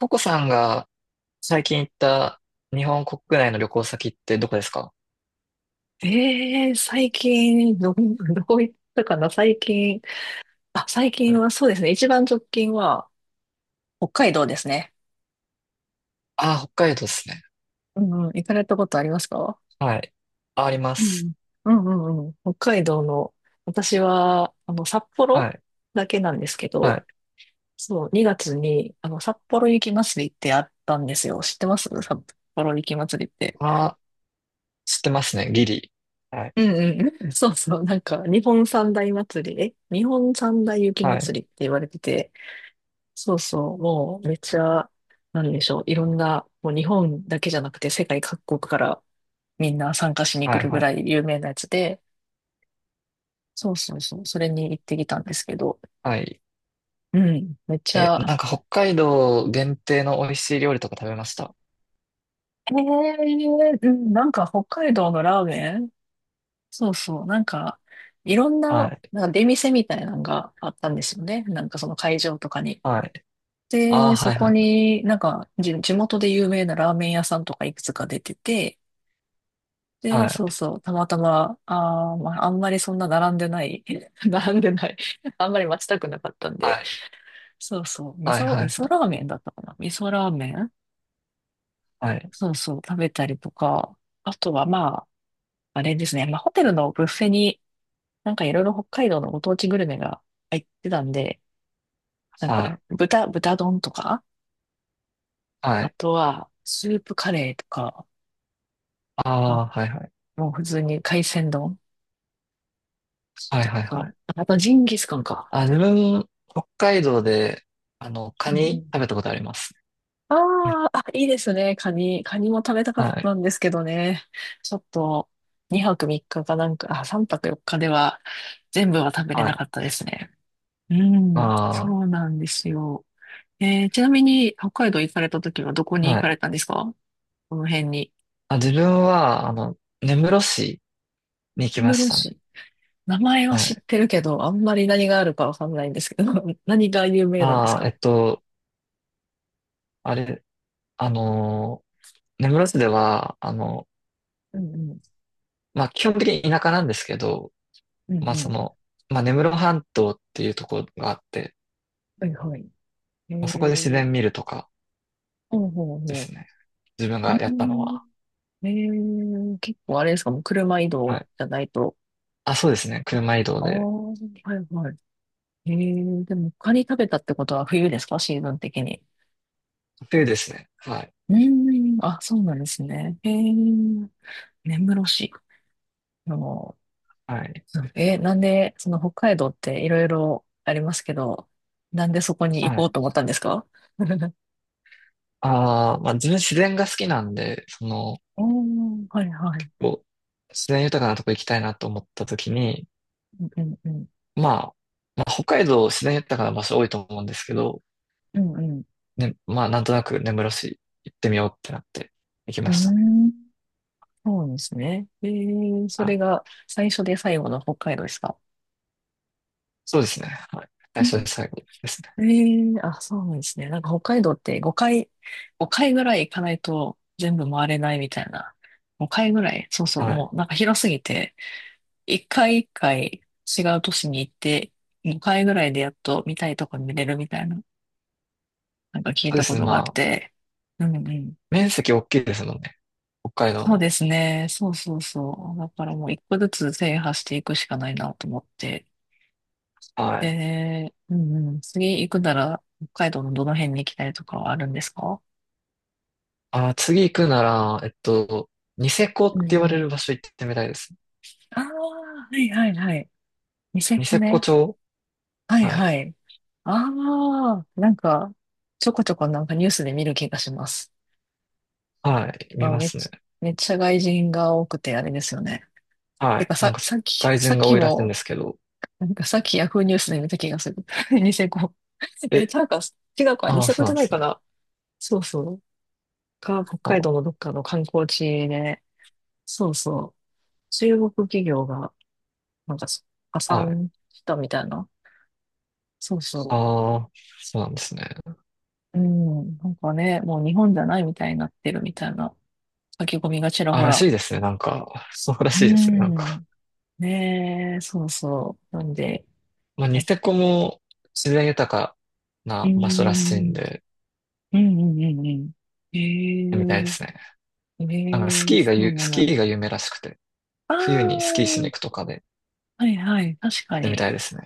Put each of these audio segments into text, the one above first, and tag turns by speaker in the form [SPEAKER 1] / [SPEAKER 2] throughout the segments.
[SPEAKER 1] ココさんが最近行った日本国内の旅行先ってどこですか？
[SPEAKER 2] ええ最近、どういったかな、最近。あ、最
[SPEAKER 1] あ
[SPEAKER 2] 近
[SPEAKER 1] れ。
[SPEAKER 2] はそうですね。一番直近は北海道ですね。
[SPEAKER 1] あー、北海道ですね。
[SPEAKER 2] うんうん、行かれたことありますか？
[SPEAKER 1] はい。あ、ありま
[SPEAKER 2] う
[SPEAKER 1] す。
[SPEAKER 2] ん。うんうんうん。北海道の、私は、札
[SPEAKER 1] は
[SPEAKER 2] 幌
[SPEAKER 1] い。
[SPEAKER 2] だけなんですけ
[SPEAKER 1] は
[SPEAKER 2] ど、
[SPEAKER 1] い。
[SPEAKER 2] そう、2月に、札幌雪まつりってあったんですよ。知ってます札幌雪まつりって？
[SPEAKER 1] あー、知ってますね。ギリ。はい。
[SPEAKER 2] うんうん。そうそう。なんか、日本三大雪ま
[SPEAKER 1] は
[SPEAKER 2] つ
[SPEAKER 1] い。
[SPEAKER 2] りって言われてて、そうそう、もうめっちゃ、なんでしょう、いろんな、もう日本だけじゃなくて世界各国からみんな参加しに来
[SPEAKER 1] はい。
[SPEAKER 2] るぐ
[SPEAKER 1] はい。
[SPEAKER 2] らい有名なやつで、そうそうそう、それに行ってきたんですけど、
[SPEAKER 1] はい。
[SPEAKER 2] うん、めっち
[SPEAKER 1] え、
[SPEAKER 2] ゃ、
[SPEAKER 1] なんか北海道限定の美味しい料理とか食べました？
[SPEAKER 2] うん、なんか北海道のラーメンそうそう、なんか、いろん
[SPEAKER 1] は
[SPEAKER 2] な、
[SPEAKER 1] い。
[SPEAKER 2] なんか出店みたいなのがあったんですよね。なんかその会場とかに。
[SPEAKER 1] はい。あー、
[SPEAKER 2] で、
[SPEAKER 1] は
[SPEAKER 2] そ
[SPEAKER 1] い。は
[SPEAKER 2] こ
[SPEAKER 1] い。
[SPEAKER 2] になんか地元で有名なラーメン屋さんとかいくつか出てて、で、
[SPEAKER 1] はい。
[SPEAKER 2] そうそう、たまたま、まあ、あんまりそんな並んでない、並んでない、あんまり待ちたくなかったんで、
[SPEAKER 1] はい。
[SPEAKER 2] そうそう、
[SPEAKER 1] はい。は
[SPEAKER 2] 味噌
[SPEAKER 1] い。
[SPEAKER 2] ラーメンだったかな味噌ラーメン
[SPEAKER 1] はい。
[SPEAKER 2] そうそう、食べたりとか、あとはまあ、あれですね、まあ、ホテルのブッフェに、なんかいろいろ北海道のご当地グルメが入ってたんで、なん
[SPEAKER 1] は
[SPEAKER 2] か
[SPEAKER 1] い。
[SPEAKER 2] 豚丼とか、
[SPEAKER 1] は
[SPEAKER 2] あ
[SPEAKER 1] い。
[SPEAKER 2] とはスープカレーとか、あ
[SPEAKER 1] あー、はい。はい。
[SPEAKER 2] もう普通に海鮮丼
[SPEAKER 1] はい。
[SPEAKER 2] と
[SPEAKER 1] はい。は
[SPEAKER 2] か、
[SPEAKER 1] い。
[SPEAKER 2] あとジンギスカンか。
[SPEAKER 1] あ、自分、北海道で、カ
[SPEAKER 2] うんう
[SPEAKER 1] ニ
[SPEAKER 2] ん
[SPEAKER 1] 食べたことあります。
[SPEAKER 2] ああ、あ、いいですね。カニも食べたかっ
[SPEAKER 1] はい。
[SPEAKER 2] たんですけどね。ちょっと、2泊3日かかなんか、あ、3泊4日では全部は食べれ
[SPEAKER 1] は
[SPEAKER 2] な
[SPEAKER 1] い。
[SPEAKER 2] かったですね。うん、そ
[SPEAKER 1] あ
[SPEAKER 2] うなんですよ。ちなみに、北海道行かれた時はどこ
[SPEAKER 1] あ、
[SPEAKER 2] に行
[SPEAKER 1] は
[SPEAKER 2] かれ
[SPEAKER 1] い。
[SPEAKER 2] たんですか？この辺に。
[SPEAKER 1] あ、自分は、根室市に行きま
[SPEAKER 2] 根
[SPEAKER 1] し
[SPEAKER 2] 室
[SPEAKER 1] たね。
[SPEAKER 2] 市。名前は
[SPEAKER 1] は
[SPEAKER 2] 知っ
[SPEAKER 1] い。
[SPEAKER 2] てるけど、あんまり何があるかわかんないんですけど、何が有名なんです
[SPEAKER 1] ああ、
[SPEAKER 2] か？
[SPEAKER 1] あれ、あの根室市では、
[SPEAKER 2] うんうん、
[SPEAKER 1] まあ、基本的に田舎なんですけど、
[SPEAKER 2] うん
[SPEAKER 1] まあ、
[SPEAKER 2] う
[SPEAKER 1] そ
[SPEAKER 2] ん。
[SPEAKER 1] の、まあ、根室半島っていうところがあって、
[SPEAKER 2] はいはい。え
[SPEAKER 1] まあそこで自
[SPEAKER 2] ー、
[SPEAKER 1] 然見るとか
[SPEAKER 2] ほうほう
[SPEAKER 1] で
[SPEAKER 2] ほう。
[SPEAKER 1] すね。自分
[SPEAKER 2] う
[SPEAKER 1] がやったの
[SPEAKER 2] ーん、
[SPEAKER 1] は。
[SPEAKER 2] 結構あれですか、もう車移動
[SPEAKER 1] はい。
[SPEAKER 2] じゃないと？
[SPEAKER 1] あ、そうですね。車移動
[SPEAKER 2] ああ、
[SPEAKER 1] で。
[SPEAKER 2] はいはい。でも、カニ食べたってことは冬ですか、シーズン的に？
[SPEAKER 1] 冬ですね。はい。
[SPEAKER 2] うーん、あ、そうなんですね。根室市。あの、
[SPEAKER 1] はい。
[SPEAKER 2] なんで、その北海道っていろいろありますけど、なんでそこに行
[SPEAKER 1] は
[SPEAKER 2] こう
[SPEAKER 1] い。
[SPEAKER 2] と思ったんですか？
[SPEAKER 1] ああ、まあ、自分自然が好きなんで、その、
[SPEAKER 2] おー、はいはい。
[SPEAKER 1] こう、自然豊かなとこ行きたいなと思った時に、
[SPEAKER 2] うんうん。
[SPEAKER 1] まあ、まあ、北海道自然豊かな場所多いと思うんですけど、
[SPEAKER 2] うんうん。
[SPEAKER 1] ね、まあ、なんとなく根室市行ってみようってなって行き
[SPEAKER 2] うー
[SPEAKER 1] ましたね。
[SPEAKER 2] ん、そうですね。そ
[SPEAKER 1] は
[SPEAKER 2] れ
[SPEAKER 1] い。
[SPEAKER 2] が最初で最後の北海道ですか？
[SPEAKER 1] そうですね。はい。最初で最後ですね。
[SPEAKER 2] えあ、そうなんですね。なんか北海道って5回、5回ぐらい行かないと全部回れないみたいな。5回ぐらい、そうそう、
[SPEAKER 1] は
[SPEAKER 2] も
[SPEAKER 1] い。
[SPEAKER 2] うなんか広すぎて、1回1回違う都市に行って、5回ぐらいでやっと見たいとこに見れるみたいな、なんか聞い
[SPEAKER 1] そうで
[SPEAKER 2] た
[SPEAKER 1] す
[SPEAKER 2] こ
[SPEAKER 1] ね。
[SPEAKER 2] とがあっ
[SPEAKER 1] まあ、
[SPEAKER 2] て。うんうん。
[SPEAKER 1] 面積大きいですもんね。北海道
[SPEAKER 2] そう
[SPEAKER 1] の。
[SPEAKER 2] ですね。そうそうそう。だからもう一個ずつ制覇していくしかないなと思って。
[SPEAKER 1] はい。
[SPEAKER 2] で、うんうん。次行くなら北海道のどの辺に行きたいとかはあるんですか？
[SPEAKER 1] あー、次行くなら、ニセコって
[SPEAKER 2] うん
[SPEAKER 1] 言わ
[SPEAKER 2] う
[SPEAKER 1] れ
[SPEAKER 2] ん
[SPEAKER 1] る場所行ってみたいですね。
[SPEAKER 2] ああ、はいはいはい。ニセ
[SPEAKER 1] ニ
[SPEAKER 2] コ
[SPEAKER 1] セコ
[SPEAKER 2] ね。
[SPEAKER 1] 町。
[SPEAKER 2] はい
[SPEAKER 1] はい。
[SPEAKER 2] はい。ああ、なんか、ちょこちょこなんかニュースで見る気がします。
[SPEAKER 1] はい。
[SPEAKER 2] ま
[SPEAKER 1] 見
[SPEAKER 2] あ、
[SPEAKER 1] ま
[SPEAKER 2] めっ
[SPEAKER 1] すね。
[SPEAKER 2] ちゃ、めっちゃ外人が多くてあれですよね。
[SPEAKER 1] は
[SPEAKER 2] て
[SPEAKER 1] い。
[SPEAKER 2] か
[SPEAKER 1] なん
[SPEAKER 2] さ、
[SPEAKER 1] か、外
[SPEAKER 2] さっ
[SPEAKER 1] 人が
[SPEAKER 2] き
[SPEAKER 1] 多いらしいんで
[SPEAKER 2] も、
[SPEAKER 1] すけど。
[SPEAKER 2] なんかさっきヤフーニュースで見た気がする。ニセコ。
[SPEAKER 1] え、
[SPEAKER 2] なんか、違うか、ニ
[SPEAKER 1] ああ、
[SPEAKER 2] セコ
[SPEAKER 1] そう
[SPEAKER 2] じ
[SPEAKER 1] な
[SPEAKER 2] ゃ
[SPEAKER 1] んで
[SPEAKER 2] ない
[SPEAKER 1] す
[SPEAKER 2] か
[SPEAKER 1] ね。
[SPEAKER 2] な。そうそう。北海
[SPEAKER 1] あ、
[SPEAKER 2] 道のどっかの観光地で、そうそう。中国企業が、なんか、破
[SPEAKER 1] はい。
[SPEAKER 2] 産したみたいな。そうそう。
[SPEAKER 1] ああ、そうなんですね。
[SPEAKER 2] うん、なんかね、もう日本じゃないみたいになってるみたいな書き込みがちら
[SPEAKER 1] あ、
[SPEAKER 2] ほ
[SPEAKER 1] ら
[SPEAKER 2] ら。
[SPEAKER 1] しいですね。なんか、そうら
[SPEAKER 2] う
[SPEAKER 1] しいですね。なんか、
[SPEAKER 2] ん。ねえ、そうそう。なんで、
[SPEAKER 1] まあ、ニセコも自然豊か
[SPEAKER 2] う
[SPEAKER 1] な場所らしいん
[SPEAKER 2] ん、
[SPEAKER 1] で、
[SPEAKER 2] うん、うん、うん。うんええ、
[SPEAKER 1] みたいですね。
[SPEAKER 2] ええ、
[SPEAKER 1] なんか、
[SPEAKER 2] そうな
[SPEAKER 1] ス
[SPEAKER 2] ん
[SPEAKER 1] キ
[SPEAKER 2] だ。
[SPEAKER 1] ーが有名らしくて、
[SPEAKER 2] あ
[SPEAKER 1] 冬にスキー
[SPEAKER 2] あ、
[SPEAKER 1] しに行くとかで、
[SPEAKER 2] はいはい、確か
[SPEAKER 1] でみ
[SPEAKER 2] に。
[SPEAKER 1] たいですね。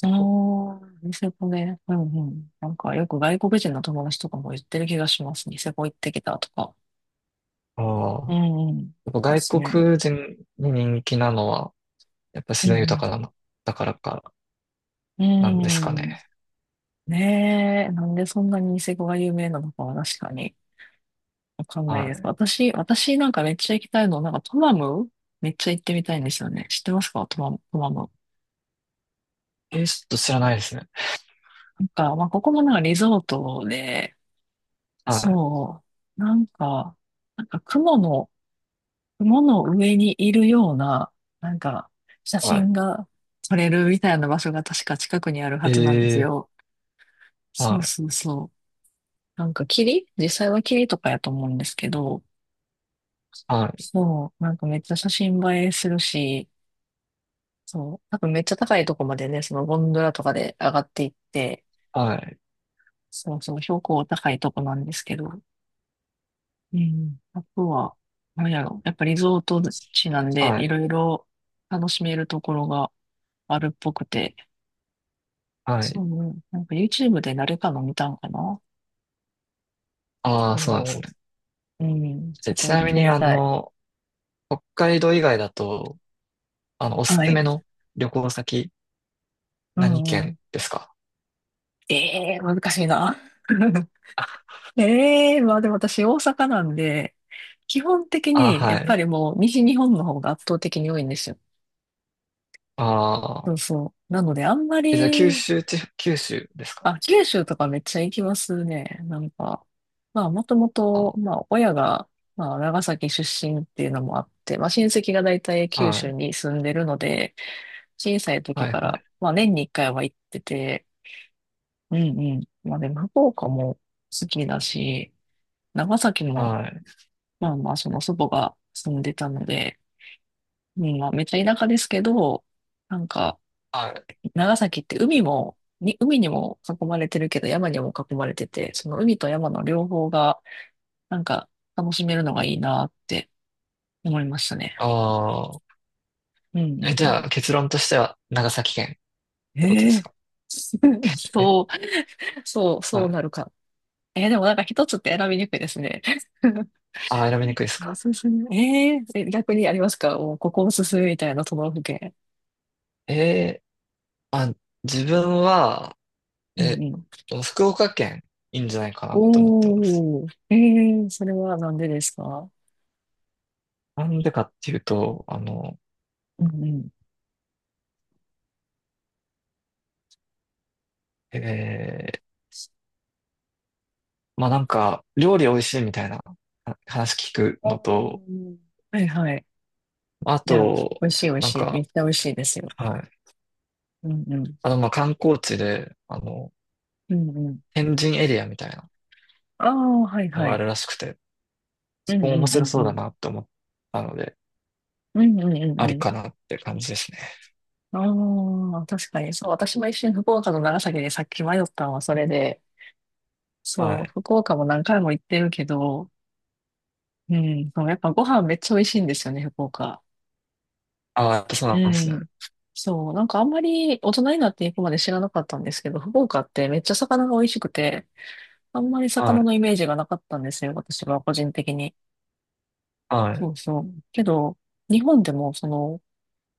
[SPEAKER 2] あ
[SPEAKER 1] 構、
[SPEAKER 2] あ、ニセコね。うんうん。なんかよく外国人の友達とかも言ってる気がします。ニセコ行ってきたとか。
[SPEAKER 1] あ
[SPEAKER 2] う
[SPEAKER 1] あ、
[SPEAKER 2] んうん。
[SPEAKER 1] やっぱ
[SPEAKER 2] で
[SPEAKER 1] 外
[SPEAKER 2] すね。
[SPEAKER 1] 国人に人気なのは、やっぱ
[SPEAKER 2] う
[SPEAKER 1] 自然豊
[SPEAKER 2] ん
[SPEAKER 1] かなの、だからか、
[SPEAKER 2] う
[SPEAKER 1] なんですか
[SPEAKER 2] ん。
[SPEAKER 1] ね。
[SPEAKER 2] ねえ、なんでそんなにニセコが有名なのかは確かにわかんないです。
[SPEAKER 1] は
[SPEAKER 2] 私なんかめっちゃ行きたいの、なんかトマムめっちゃ行ってみたいんですよね。知ってますかトマム、トマム？
[SPEAKER 1] い。ちょっと知らないですね。
[SPEAKER 2] なんか、まあ、ここもなんかリゾートで、
[SPEAKER 1] はい。
[SPEAKER 2] そう、なんか、なんか雲の、雲の上にいるような、なんか、写
[SPEAKER 1] は
[SPEAKER 2] 真が撮れるみたいな場所が確か近くにある
[SPEAKER 1] い。
[SPEAKER 2] はずなんですよ。そ
[SPEAKER 1] は
[SPEAKER 2] うそ
[SPEAKER 1] い。
[SPEAKER 2] うそう。なんか実際は霧とかやと思うんですけど、
[SPEAKER 1] はい。
[SPEAKER 2] そう、なんかめっちゃ写真映えするし、そう、多分めっちゃ高いとこまでね、そのゴンドラとかで上がっていって、
[SPEAKER 1] はい。
[SPEAKER 2] そうそう、標高高いとこなんですけど、うん、あとは、なんやろ、やっぱリゾート地なんで、
[SPEAKER 1] は
[SPEAKER 2] い
[SPEAKER 1] い。
[SPEAKER 2] ろいろ楽しめるところがあるっぽくて、
[SPEAKER 1] は
[SPEAKER 2] そ
[SPEAKER 1] い。
[SPEAKER 2] う、なんか YouTube で誰かの見たんかな
[SPEAKER 1] ああ、そうなんです
[SPEAKER 2] そ
[SPEAKER 1] ね。
[SPEAKER 2] う、うん、
[SPEAKER 1] え、
[SPEAKER 2] そ
[SPEAKER 1] ち
[SPEAKER 2] こ行
[SPEAKER 1] な
[SPEAKER 2] っ
[SPEAKER 1] み
[SPEAKER 2] て
[SPEAKER 1] に、
[SPEAKER 2] みたい。
[SPEAKER 1] 北海道以外だと、おす
[SPEAKER 2] は
[SPEAKER 1] すめ
[SPEAKER 2] い。
[SPEAKER 1] の旅行先、
[SPEAKER 2] う
[SPEAKER 1] 何
[SPEAKER 2] んう
[SPEAKER 1] 県
[SPEAKER 2] ん。
[SPEAKER 1] ですか？
[SPEAKER 2] ええー、難しいな。
[SPEAKER 1] あ、
[SPEAKER 2] まあでも私大阪なんで、基本的
[SPEAKER 1] あ、
[SPEAKER 2] に
[SPEAKER 1] は
[SPEAKER 2] やっぱ
[SPEAKER 1] い。
[SPEAKER 2] りもう西日本の方が圧倒的に多いんですよ。
[SPEAKER 1] あ
[SPEAKER 2] そ
[SPEAKER 1] あ、
[SPEAKER 2] うそう。なのであんま
[SPEAKER 1] え、じゃあ、
[SPEAKER 2] り、
[SPEAKER 1] 九州ですか？
[SPEAKER 2] あ、九州とかめっちゃ行きますね。なんか、まあもともと、
[SPEAKER 1] あ
[SPEAKER 2] まあ親が、まあ長崎出身っていうのもあって、まあ親戚が大体九
[SPEAKER 1] は
[SPEAKER 2] 州
[SPEAKER 1] い。
[SPEAKER 2] に住んでるので、小さい時
[SPEAKER 1] はい、
[SPEAKER 2] か
[SPEAKER 1] は
[SPEAKER 2] ら、
[SPEAKER 1] い。
[SPEAKER 2] まあ年に一回は行ってて、うんうん。まあでも福岡も好きだし、長崎も
[SPEAKER 1] はい。
[SPEAKER 2] まあまあ、その祖母が住んでたので、うんまあ、めっちゃ田舎ですけど、なんか、
[SPEAKER 1] はい。
[SPEAKER 2] 長崎って海にも囲まれてるけど、山にも囲まれてて、その海と山の両方が、なんか、楽しめるのがいいなって思いましたね。
[SPEAKER 1] ああ、
[SPEAKER 2] うんう
[SPEAKER 1] え、
[SPEAKER 2] ん
[SPEAKER 1] じ
[SPEAKER 2] うん。
[SPEAKER 1] ゃあ、結論としては、長崎県ってこと
[SPEAKER 2] え
[SPEAKER 1] です
[SPEAKER 2] え
[SPEAKER 1] か？ え、
[SPEAKER 2] そう、そう、
[SPEAKER 1] は
[SPEAKER 2] そう
[SPEAKER 1] い。
[SPEAKER 2] なるか。でもなんか一つって選びにくいですね。
[SPEAKER 1] ああ、選びにくいです
[SPEAKER 2] お
[SPEAKER 1] か？
[SPEAKER 2] すすめ。えーえ逆にありますかもうここおすすめみたいな都道府県？
[SPEAKER 1] ええあ、自分は、
[SPEAKER 2] う
[SPEAKER 1] え、
[SPEAKER 2] ん
[SPEAKER 1] 福岡県、いいんじゃないかなと思ってます。
[SPEAKER 2] おー、それはなんでですか？
[SPEAKER 1] なんでかっていうと、
[SPEAKER 2] うんうん。
[SPEAKER 1] えー、まあなんか、料理美味しいみたいなあ話聞く
[SPEAKER 2] あ
[SPEAKER 1] のと、
[SPEAKER 2] ーはいはい。
[SPEAKER 1] あ
[SPEAKER 2] いや、美
[SPEAKER 1] と、
[SPEAKER 2] 味しい美味
[SPEAKER 1] なん
[SPEAKER 2] しい。めっ
[SPEAKER 1] か、
[SPEAKER 2] ちゃ美味しいですよ。
[SPEAKER 1] はい。
[SPEAKER 2] うんうん。
[SPEAKER 1] まあ観光地で、
[SPEAKER 2] うんうん。
[SPEAKER 1] 天神エリアみたいな
[SPEAKER 2] ああ、はい
[SPEAKER 1] の
[SPEAKER 2] は
[SPEAKER 1] があ
[SPEAKER 2] い。
[SPEAKER 1] るらしくて、
[SPEAKER 2] う
[SPEAKER 1] そ
[SPEAKER 2] ん
[SPEAKER 1] こも
[SPEAKER 2] うん
[SPEAKER 1] 面
[SPEAKER 2] うん
[SPEAKER 1] 白そ
[SPEAKER 2] う
[SPEAKER 1] うだ
[SPEAKER 2] ん。
[SPEAKER 1] なって思ったので、
[SPEAKER 2] うんうんう
[SPEAKER 1] あ
[SPEAKER 2] ん
[SPEAKER 1] り
[SPEAKER 2] う
[SPEAKER 1] かなって感じですね。
[SPEAKER 2] ん。ああ、確かに。そう、私も一瞬福岡と長崎でさっき迷ったのはそれで、
[SPEAKER 1] は
[SPEAKER 2] そう、
[SPEAKER 1] い。
[SPEAKER 2] 福岡も何回も行ってるけど、うん、そうやっぱご飯めっちゃ美味しいんですよね、福岡。
[SPEAKER 1] ああ、やっぱそう
[SPEAKER 2] う
[SPEAKER 1] なんですね。
[SPEAKER 2] ん。そう、なんかあんまり大人になっていくまで知らなかったんですけど、福岡ってめっちゃ魚が美味しくて、あんまり
[SPEAKER 1] は
[SPEAKER 2] 魚
[SPEAKER 1] い。
[SPEAKER 2] のイメージがなかったんですよ、私は個人的に。
[SPEAKER 1] は
[SPEAKER 2] そ
[SPEAKER 1] い。
[SPEAKER 2] うそう。けど、日本でもその、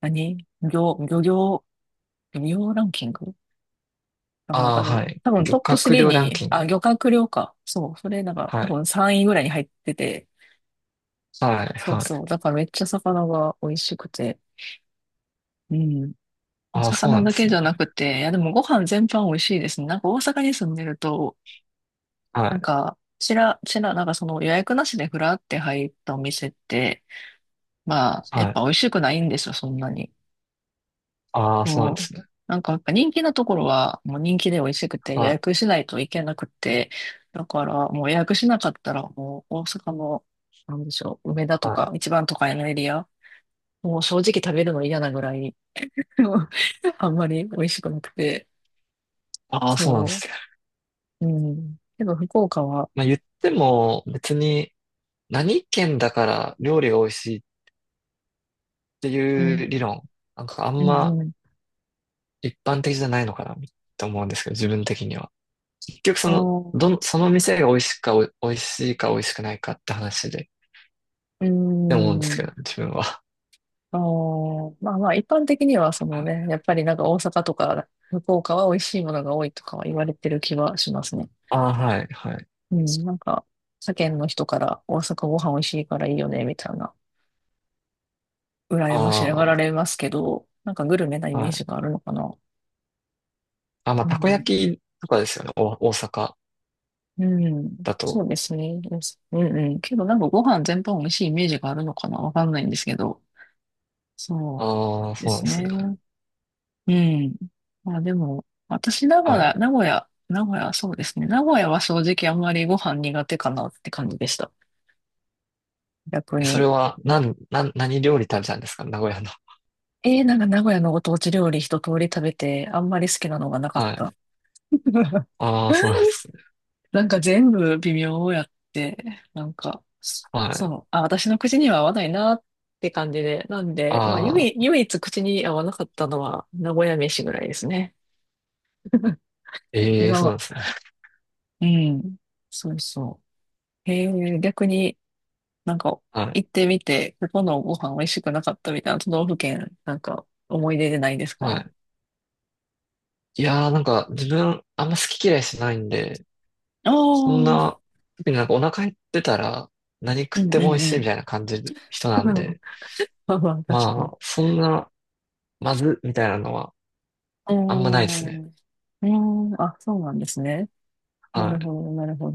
[SPEAKER 2] 何漁、漁業、漁業ランキングかなん
[SPEAKER 1] あ
[SPEAKER 2] か
[SPEAKER 1] あ、
[SPEAKER 2] で、
[SPEAKER 1] はい。
[SPEAKER 2] 多分
[SPEAKER 1] 漁
[SPEAKER 2] トップ
[SPEAKER 1] 獲
[SPEAKER 2] 3
[SPEAKER 1] 量ラン
[SPEAKER 2] に、
[SPEAKER 1] キン
[SPEAKER 2] あ、
[SPEAKER 1] グ。
[SPEAKER 2] 漁獲量か。そう、それなんか
[SPEAKER 1] は
[SPEAKER 2] 多
[SPEAKER 1] い。
[SPEAKER 2] 分3位ぐらいに入ってて、
[SPEAKER 1] はい。
[SPEAKER 2] そう
[SPEAKER 1] は
[SPEAKER 2] そう。
[SPEAKER 1] い。
[SPEAKER 2] だからめっちゃ魚が美味しくて、うん。まあ、
[SPEAKER 1] ああ、そう
[SPEAKER 2] 魚
[SPEAKER 1] なんで
[SPEAKER 2] だ
[SPEAKER 1] す
[SPEAKER 2] けじ
[SPEAKER 1] ね。
[SPEAKER 2] ゃなくて、いや、でもご飯全般美味しいですね。なんか大阪に住んでると、
[SPEAKER 1] は
[SPEAKER 2] なん
[SPEAKER 1] い。
[SPEAKER 2] か、ちら、ちら、なんかその予約なしでふらって入ったお店って、まあ、やっ
[SPEAKER 1] はい。
[SPEAKER 2] ぱ美味しくないんですよ、そんなに。
[SPEAKER 1] ああ、そうなんで
[SPEAKER 2] そう。
[SPEAKER 1] すね。
[SPEAKER 2] なんかやっぱ人気なところは、もう人気で美味しくて予
[SPEAKER 1] はい。
[SPEAKER 2] 約しないといけなくて、だからもう予約しなかったら、もう大阪の、なんでしょう、梅田と
[SPEAKER 1] は
[SPEAKER 2] か、
[SPEAKER 1] い。
[SPEAKER 2] 一番都会のエリア、もう正直食べるの嫌なぐらい、あんまり美味しくなくて、
[SPEAKER 1] ああ、そうなんで
[SPEAKER 2] そ
[SPEAKER 1] すよ。
[SPEAKER 2] う。うん。けど、福岡は、
[SPEAKER 1] まあ言っても別に何県だから料理が美味しいって
[SPEAKER 2] う
[SPEAKER 1] いう理
[SPEAKER 2] ん、
[SPEAKER 1] 論、なんかあ
[SPEAKER 2] う
[SPEAKER 1] んま
[SPEAKER 2] ん、うん。
[SPEAKER 1] 一般的じゃないのかなって思うんですけど、自分的には。結局そ
[SPEAKER 2] あ
[SPEAKER 1] の、
[SPEAKER 2] ー
[SPEAKER 1] その店が美味しいか美味しいか美味しくないかって話で、っ
[SPEAKER 2] う
[SPEAKER 1] て思うんですけ
[SPEAKER 2] ん。
[SPEAKER 1] ど、自分は。
[SPEAKER 2] あーまあまあ、一般的には、その ね、やっぱりなんか大阪とか、福岡は美味しいものが多いとかは言われてる気はしますね。
[SPEAKER 1] ああ、はい、はい。
[SPEAKER 2] うん、なんか、世間の人から大阪ご飯美味しいからいいよね、みたいな、羨ましが
[SPEAKER 1] あ
[SPEAKER 2] られますけど、なんかグルメなイ
[SPEAKER 1] あ、
[SPEAKER 2] メ
[SPEAKER 1] は
[SPEAKER 2] ー
[SPEAKER 1] い。
[SPEAKER 2] ジがあるのかな。
[SPEAKER 1] あ、まあ、
[SPEAKER 2] う
[SPEAKER 1] たこ
[SPEAKER 2] ん。
[SPEAKER 1] 焼きとかですよね、大阪
[SPEAKER 2] うん。
[SPEAKER 1] だ
[SPEAKER 2] そ
[SPEAKER 1] と。
[SPEAKER 2] うですね。ですうんうん。けどなんかご飯全般美味しいイメージがあるのかなわかんないんですけど。そ
[SPEAKER 1] ああ、
[SPEAKER 2] う。で
[SPEAKER 1] そうなん
[SPEAKER 2] す
[SPEAKER 1] です
[SPEAKER 2] ね。
[SPEAKER 1] ね。
[SPEAKER 2] うん。まあでも、私、
[SPEAKER 1] はい。
[SPEAKER 2] 名古屋、そうですね。名古屋は正直あんまりご飯苦手かなって感じでした。逆
[SPEAKER 1] それ
[SPEAKER 2] に。
[SPEAKER 1] は、なん、なん、何料理食べたんですか名古屋の？
[SPEAKER 2] なんか名古屋のご当地料理一通り食べて、あんまり好きなのがなかっ
[SPEAKER 1] は
[SPEAKER 2] た。
[SPEAKER 1] い。 ああ、そうなんですね。
[SPEAKER 2] なんか全部微妙やって、なんか、
[SPEAKER 1] は
[SPEAKER 2] そ
[SPEAKER 1] い。
[SPEAKER 2] う、あ、私の口には合わないなって感じで、なんで、まあ、
[SPEAKER 1] ああ、
[SPEAKER 2] 唯一口に合わなかったのは名古屋飯ぐらいですね。
[SPEAKER 1] ええ、
[SPEAKER 2] 今
[SPEAKER 1] そうな
[SPEAKER 2] は、
[SPEAKER 1] んですね。
[SPEAKER 2] うん、そうそう。へえ、逆になんか
[SPEAKER 1] はい。
[SPEAKER 2] 行ってみて、ここのご飯美味しくなかったみたいな都道府県、なんか思い出でないです
[SPEAKER 1] は
[SPEAKER 2] か？
[SPEAKER 1] い。いやー、なんか自分、あんま好き嫌いしないんで、
[SPEAKER 2] ああ
[SPEAKER 1] そん
[SPEAKER 2] ー、
[SPEAKER 1] な、特になんかお腹減ってたら、何
[SPEAKER 2] う
[SPEAKER 1] 食っ
[SPEAKER 2] んう
[SPEAKER 1] ても美味
[SPEAKER 2] んう
[SPEAKER 1] しいみ
[SPEAKER 2] ん。
[SPEAKER 1] たいな感じる人なん で、
[SPEAKER 2] まあまあ、確か
[SPEAKER 1] ま
[SPEAKER 2] に。
[SPEAKER 1] あ、そんな、まず、みたいなのは、
[SPEAKER 2] うー
[SPEAKER 1] あんまないですね。
[SPEAKER 2] ん、うーん、あ、そうなんですね。な
[SPEAKER 1] は
[SPEAKER 2] る
[SPEAKER 1] い。
[SPEAKER 2] ほど、なるほど。